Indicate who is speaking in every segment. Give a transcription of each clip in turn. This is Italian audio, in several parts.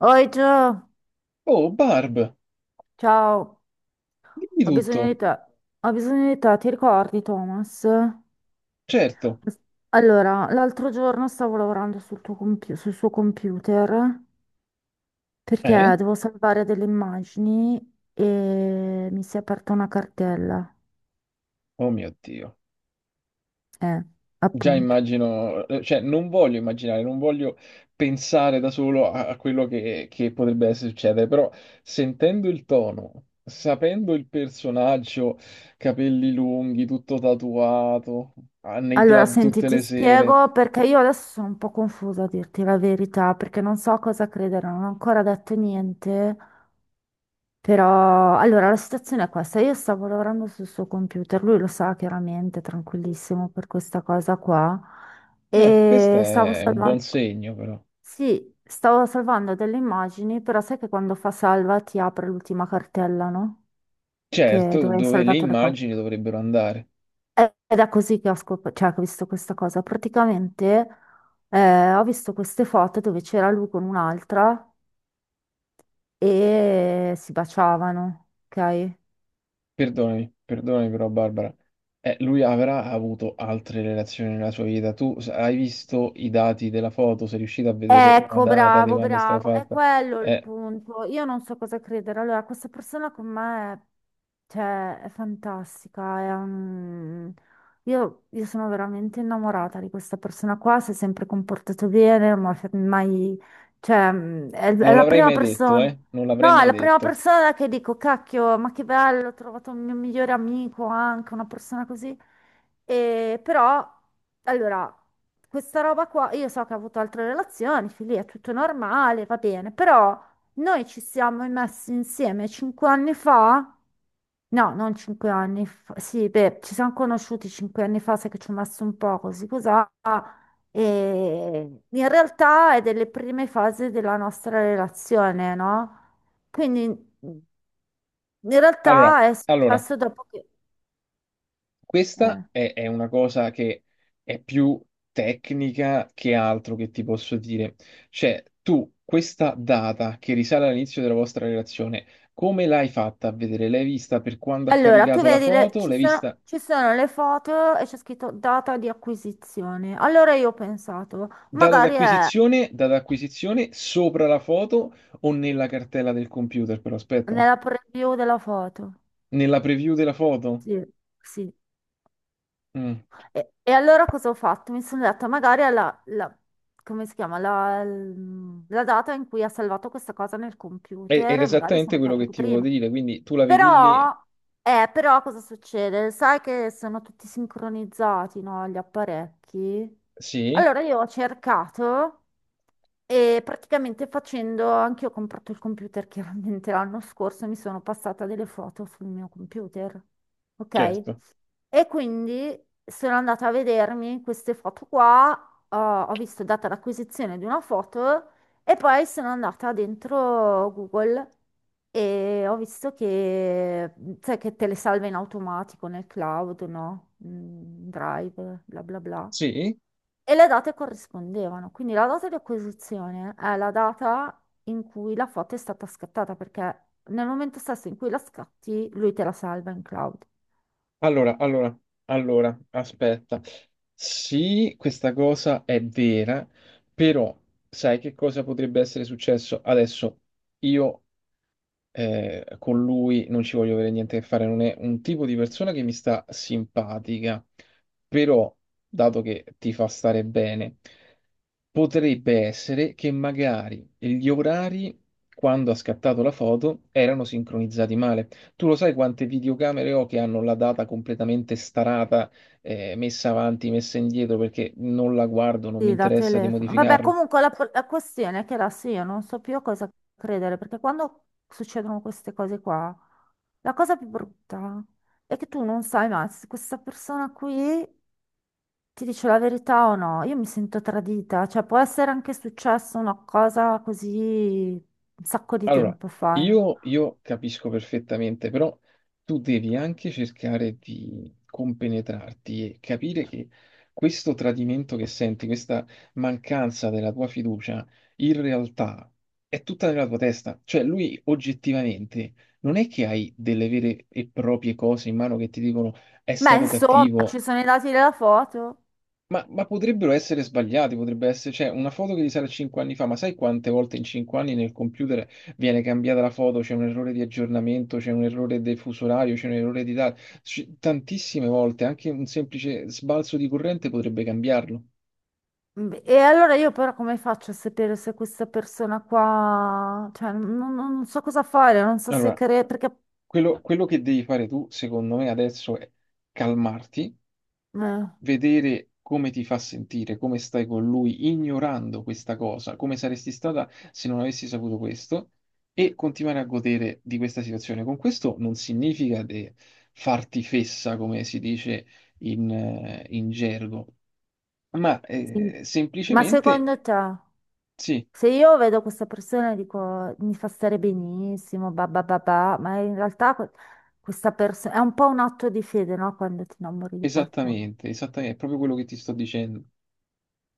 Speaker 1: Oi Gio,
Speaker 2: Oh, Barb,
Speaker 1: ciao,
Speaker 2: dimmi
Speaker 1: ho bisogno
Speaker 2: tutto.
Speaker 1: di te, ho bisogno di te, ti ricordi Thomas?
Speaker 2: Certo.
Speaker 1: Allora, l'altro giorno stavo lavorando sul suo computer
Speaker 2: Eh?
Speaker 1: perché devo salvare delle immagini e mi si è aperta una cartella,
Speaker 2: Oh mio Dio.
Speaker 1: eh,
Speaker 2: Già
Speaker 1: appunto.
Speaker 2: immagino, cioè non voglio immaginare, non voglio pensare da solo a quello che potrebbe succedere, però sentendo il tono, sapendo il personaggio, capelli lunghi, tutto tatuato, ah, nei
Speaker 1: Allora,
Speaker 2: club
Speaker 1: senti,
Speaker 2: tutte
Speaker 1: ti
Speaker 2: le sere,
Speaker 1: spiego perché io adesso sono un po' confusa a dirti la verità, perché non so a cosa credere, non ho ancora detto niente. Però, allora, la situazione è questa. Io stavo lavorando sul suo computer, lui lo sa chiaramente, tranquillissimo per questa cosa qua.
Speaker 2: questo
Speaker 1: E stavo
Speaker 2: è un
Speaker 1: salvando,
Speaker 2: buon segno però.
Speaker 1: sì, stavo salvando delle immagini, però sai che quando fa salva ti apre l'ultima cartella, no? Che
Speaker 2: Certo,
Speaker 1: dove hai
Speaker 2: dove le
Speaker 1: salvato le cose.
Speaker 2: immagini dovrebbero andare.
Speaker 1: Ed è così che cioè, che ho visto questa cosa. Praticamente ho visto queste foto dove c'era lui con un'altra e si baciavano, ok?
Speaker 2: Perdonami, perdonami però Barbara. Lui avrà avuto altre relazioni nella sua vita. Tu hai visto i dati della foto? Sei riuscito a vedere una
Speaker 1: Ecco,
Speaker 2: data di
Speaker 1: bravo,
Speaker 2: quando è stata
Speaker 1: bravo, è
Speaker 2: fatta?
Speaker 1: quello il
Speaker 2: Eh,
Speaker 1: punto. Io non so cosa credere. Allora, questa persona con me è, cioè, è fantastica. Io sono veramente innamorata di questa persona qua. Si è sempre comportato bene, ma mai, cioè, è
Speaker 2: Non
Speaker 1: la
Speaker 2: l'avrei
Speaker 1: prima
Speaker 2: mai detto,
Speaker 1: persona.
Speaker 2: eh? Non l'avrei
Speaker 1: No, è
Speaker 2: mai
Speaker 1: la prima
Speaker 2: detto.
Speaker 1: persona che dico, cacchio, ma che bello, ho trovato un mio migliore amico anche, una persona così. E, però, allora, questa roba qua, io so che ha avuto altre relazioni, figli, è tutto normale, va bene, però noi ci siamo messi insieme cinque anni fa, no, non cinque anni fa, sì, beh, ci siamo conosciuti cinque anni fa, sai che ci ho messo un po' così, cos'ha, e in realtà è delle prime fasi della nostra relazione, no? Quindi in
Speaker 2: Allora,
Speaker 1: realtà è
Speaker 2: allora,
Speaker 1: successo dopo che...
Speaker 2: questa
Speaker 1: eh.
Speaker 2: è una cosa che è più tecnica che altro che ti posso dire. Cioè, tu questa data che risale all'inizio della vostra relazione, come l'hai fatta a vedere? L'hai vista per quando ha
Speaker 1: Allora, tu
Speaker 2: caricato la
Speaker 1: vedi,
Speaker 2: foto?
Speaker 1: ci
Speaker 2: L'hai
Speaker 1: sono,
Speaker 2: vista?
Speaker 1: ci sono le foto e c'è scritto data di acquisizione. Allora io ho pensato, magari è
Speaker 2: Data d'acquisizione sopra la foto o nella cartella del computer, però aspetta, eh.
Speaker 1: nella preview della foto.
Speaker 2: Nella preview della foto.
Speaker 1: Sì, sì.
Speaker 2: Mm.
Speaker 1: E allora cosa ho fatto? Mi sono detta, magari è come si chiama? La data in cui ha salvato questa cosa nel
Speaker 2: Ed
Speaker 1: computer,
Speaker 2: è
Speaker 1: e magari
Speaker 2: esattamente
Speaker 1: sono
Speaker 2: quello
Speaker 1: foto
Speaker 2: che
Speaker 1: di
Speaker 2: ti volevo
Speaker 1: prima.
Speaker 2: dire, quindi tu la vedi
Speaker 1: Però,
Speaker 2: lì?
Speaker 1: però cosa succede? Sai che sono tutti sincronizzati, no, gli apparecchi?
Speaker 2: Sì,
Speaker 1: Allora io ho cercato e praticamente facendo, anche io ho comprato il computer chiaramente l'anno scorso, mi sono passata delle foto sul mio computer, ok?
Speaker 2: certo.
Speaker 1: E quindi sono andata a vedermi queste foto qua, ho visto data l'acquisizione di una foto e poi sono andata dentro Google e ho visto che, cioè, che te le salva in automatico nel cloud, no? Drive, bla bla bla.
Speaker 2: Sì.
Speaker 1: E le date corrispondevano, quindi la data di acquisizione è la data in cui la foto è stata scattata, perché nel momento stesso in cui la scatti, lui te la salva in cloud.
Speaker 2: Allora, allora, allora, aspetta. Sì, questa cosa è vera, però sai che cosa potrebbe essere successo? Adesso io con lui non ci voglio avere niente a che fare, non è un tipo di persona che mi sta simpatica, però, dato che ti fa stare bene, potrebbe essere che magari gli orari, quando ha scattato la foto, erano sincronizzati male. Tu lo sai quante videocamere ho che hanno la data completamente starata, messa avanti, messa indietro, perché non la guardo, non mi
Speaker 1: Sì, da
Speaker 2: interessa di
Speaker 1: telefono. Vabbè,
Speaker 2: modificarla.
Speaker 1: comunque la questione è che adesso io non so più a cosa credere, perché quando succedono queste cose qua, la cosa più brutta è che tu non sai mai se questa persona qui ti dice la verità o no. Io mi sento tradita, cioè può essere anche successa una cosa così un sacco di
Speaker 2: Allora,
Speaker 1: tempo fa. No?
Speaker 2: io capisco perfettamente, però tu devi anche cercare di compenetrarti e capire che questo tradimento che senti, questa mancanza della tua fiducia, in realtà è tutta nella tua testa. Cioè, lui oggettivamente non è che hai delle vere e proprie cose in mano che ti dicono è
Speaker 1: Ma
Speaker 2: stato
Speaker 1: insomma,
Speaker 2: cattivo.
Speaker 1: ci sono i dati della foto.
Speaker 2: Ma potrebbero essere sbagliati, potrebbe essere, cioè, una foto che risale a 5 anni fa, ma sai quante volte in 5 anni nel computer viene cambiata la foto, c'è un errore di aggiornamento, c'è un errore del fuso orario, c'è un errore di data, tantissime volte, anche un semplice sbalzo di corrente potrebbe cambiarlo.
Speaker 1: Beh, e allora io però come faccio a sapere se questa persona qua, cioè non so cosa fare, non so se
Speaker 2: Allora,
Speaker 1: credere, perché...
Speaker 2: quello che devi fare tu, secondo me, adesso è calmarti,
Speaker 1: eh,
Speaker 2: vedere come ti fa sentire, come stai con lui, ignorando questa cosa, come saresti stata se non avessi saputo questo, e continuare a godere di questa situazione. Con questo non significa farti fessa, come si dice in gergo, ma
Speaker 1: sì. Ma
Speaker 2: semplicemente
Speaker 1: secondo te,
Speaker 2: sì,
Speaker 1: se io vedo questa persona e dico mi fa stare benissimo, ba ba ba ba", ma in realtà questa persona è un po' un atto di fede, no? Quando ti innamori di qualcuno.
Speaker 2: esattamente, esattamente, è proprio quello che ti sto dicendo.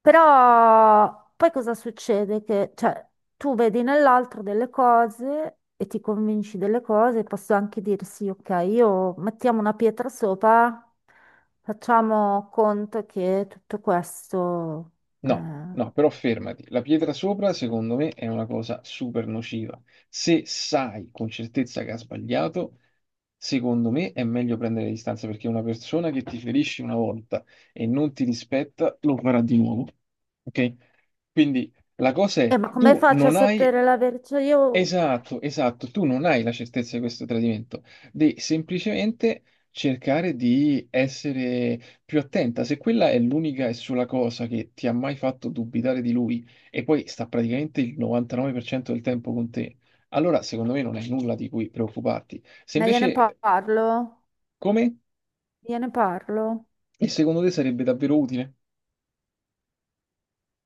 Speaker 1: Però poi cosa succede? Che cioè, tu vedi nell'altro delle cose e ti convinci delle cose, posso anche dire sì, ok, io mettiamo una pietra sopra, facciamo conto che tutto questo...
Speaker 2: No,
Speaker 1: eh,
Speaker 2: no, però fermati. La pietra sopra, secondo me, è una cosa super nociva. Se sai con certezza che ha sbagliato, secondo me è meglio prendere le distanze perché una persona che ti ferisce una volta e non ti rispetta, lo farà di nuovo. Ok? Quindi la cosa è,
Speaker 1: ma come
Speaker 2: tu
Speaker 1: faccio a
Speaker 2: non hai.
Speaker 1: sapere la verità? Cioè, io
Speaker 2: Esatto, esatto, tu non hai la certezza di questo tradimento, devi semplicemente cercare di essere più attenta. Se quella è l'unica e sola cosa che ti ha mai fatto dubitare di lui e poi sta praticamente il 99% del tempo con te, allora secondo me non hai nulla di cui preoccuparti. Se
Speaker 1: ma gliene
Speaker 2: invece.
Speaker 1: parlo,
Speaker 2: Come?
Speaker 1: gliene parlo.
Speaker 2: E secondo te sarebbe davvero utile?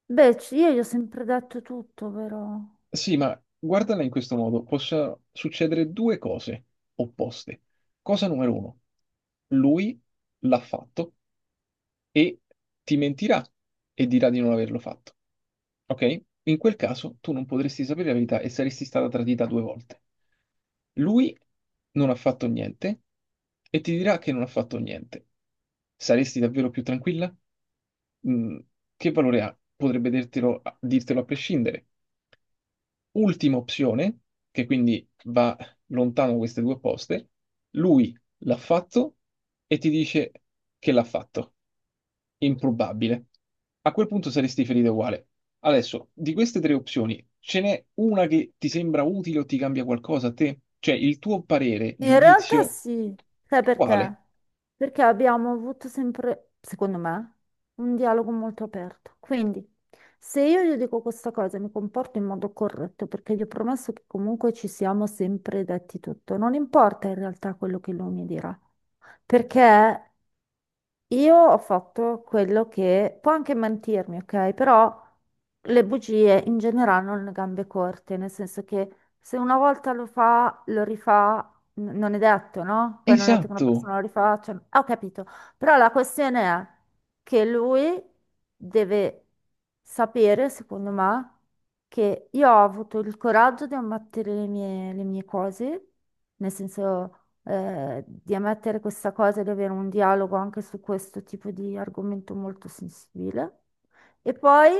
Speaker 1: Beh, io gli ho sempre detto tutto, però.
Speaker 2: Sì, ma guardala in questo modo, possono succedere due cose opposte. Cosa numero uno, lui l'ha fatto e ti mentirà e dirà di non averlo fatto. Ok? In quel caso tu non potresti sapere la verità e saresti stata tradita due volte. Lui non ha fatto niente e ti dirà che non ha fatto niente. Saresti davvero più tranquilla? Mm, che valore ha? Potrebbe dirtelo, dirtelo a prescindere. Ultima opzione, che quindi va lontano queste due poste, lui l'ha fatto e ti dice che l'ha fatto. Improbabile. A quel punto saresti ferito uguale. Adesso, di queste tre opzioni, ce n'è una che ti sembra utile o ti cambia qualcosa a te? Cioè, il tuo parere,
Speaker 1: In realtà
Speaker 2: giudizio,
Speaker 1: sì, sai
Speaker 2: è quale?
Speaker 1: perché? Perché abbiamo avuto sempre, secondo me, un dialogo molto aperto. Quindi, se io gli dico questa cosa, mi comporto in modo corretto, perché gli ho promesso che comunque ci siamo sempre detti tutto. Non importa in realtà quello che lui mi dirà, perché io ho fatto quello che può anche mentirmi, ok? Però le bugie in generale hanno le gambe corte, nel senso che se una volta lo fa, lo rifà, non è detto, no? Poi non è detto che una
Speaker 2: Esatto!
Speaker 1: persona lo rifaccia. Ah, ho capito. Però la questione è che lui deve sapere, secondo me, che io ho avuto il coraggio di ammettere le mie cose, nel senso di ammettere questa cosa e di avere un dialogo anche su questo tipo di argomento molto sensibile. E poi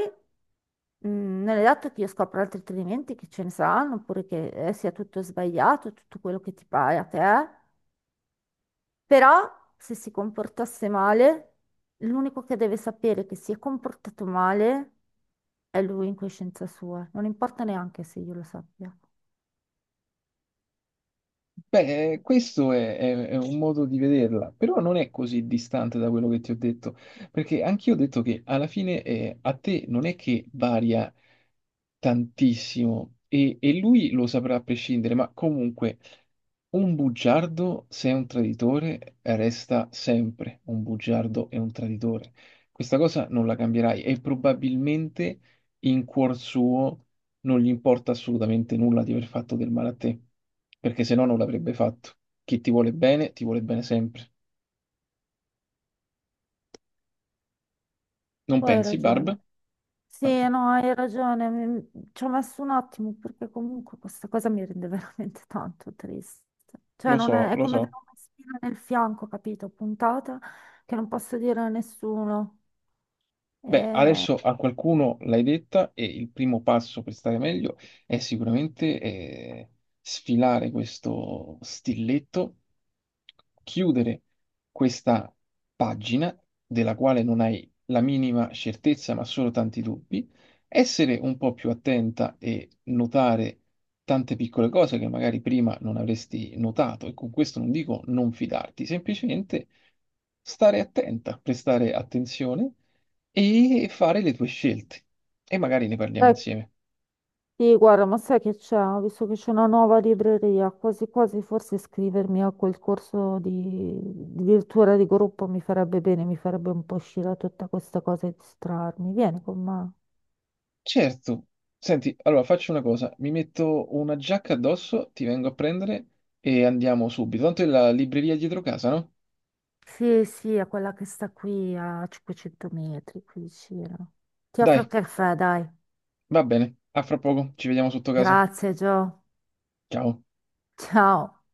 Speaker 1: non è dato che io scopra altri tradimenti che ce ne saranno, oppure che sia tutto sbagliato, tutto quello che ti pare a te, però se si comportasse male, l'unico che deve sapere che si è comportato male è lui in coscienza sua, non importa neanche se io lo sappia.
Speaker 2: Beh, questo è un modo di vederla, però non è così distante da quello che ti ho detto, perché anch'io ho detto che alla fine a te non è che varia tantissimo e lui lo saprà a prescindere, ma comunque un bugiardo, se è un traditore, resta sempre un bugiardo e un traditore. Questa cosa non la cambierai e probabilmente in cuor suo non gli importa assolutamente nulla di aver fatto del male a te, perché se no non l'avrebbe fatto. Chi ti vuole bene sempre. Non
Speaker 1: Poi hai
Speaker 2: pensi, Barb?
Speaker 1: ragione. Sì,
Speaker 2: Ok,
Speaker 1: no, hai ragione, ci ho messo un attimo perché comunque questa cosa mi rende veramente tanto triste. Cioè,
Speaker 2: lo
Speaker 1: non
Speaker 2: so,
Speaker 1: è, è
Speaker 2: lo
Speaker 1: come avere
Speaker 2: so.
Speaker 1: una spina nel fianco, capito? Puntata che non posso dire a nessuno.
Speaker 2: Beh,
Speaker 1: E...
Speaker 2: adesso a qualcuno l'hai detta e il primo passo per stare meglio è sicuramente sfilare questo stilletto, chiudere questa pagina della quale non hai la minima certezza ma solo tanti dubbi, essere un po' più attenta e notare tante piccole cose che magari prima non avresti notato e con questo non dico non fidarti, semplicemente stare attenta, prestare attenzione e fare le tue scelte. E magari ne parliamo
Speaker 1: Eh,
Speaker 2: insieme.
Speaker 1: sì, guarda, ma sai che c'è? Ho visto che c'è una nuova libreria, quasi quasi forse iscrivermi a quel corso di, virtuale di gruppo mi farebbe bene, mi farebbe un po' uscire da tutta questa cosa e distrarmi. Vieni con me.
Speaker 2: Certo. Senti, allora faccio una cosa, mi metto una giacca addosso, ti vengo a prendere e andiamo subito. Tanto è la libreria dietro casa, no?
Speaker 1: Sì, sì, è quella che sta qui a 500 metri, qui vicino. Ti offro il
Speaker 2: Dai,
Speaker 1: caffè, dai.
Speaker 2: va bene. A fra poco, ci vediamo sotto casa.
Speaker 1: Grazie, Gio.
Speaker 2: Ciao.
Speaker 1: Ciao.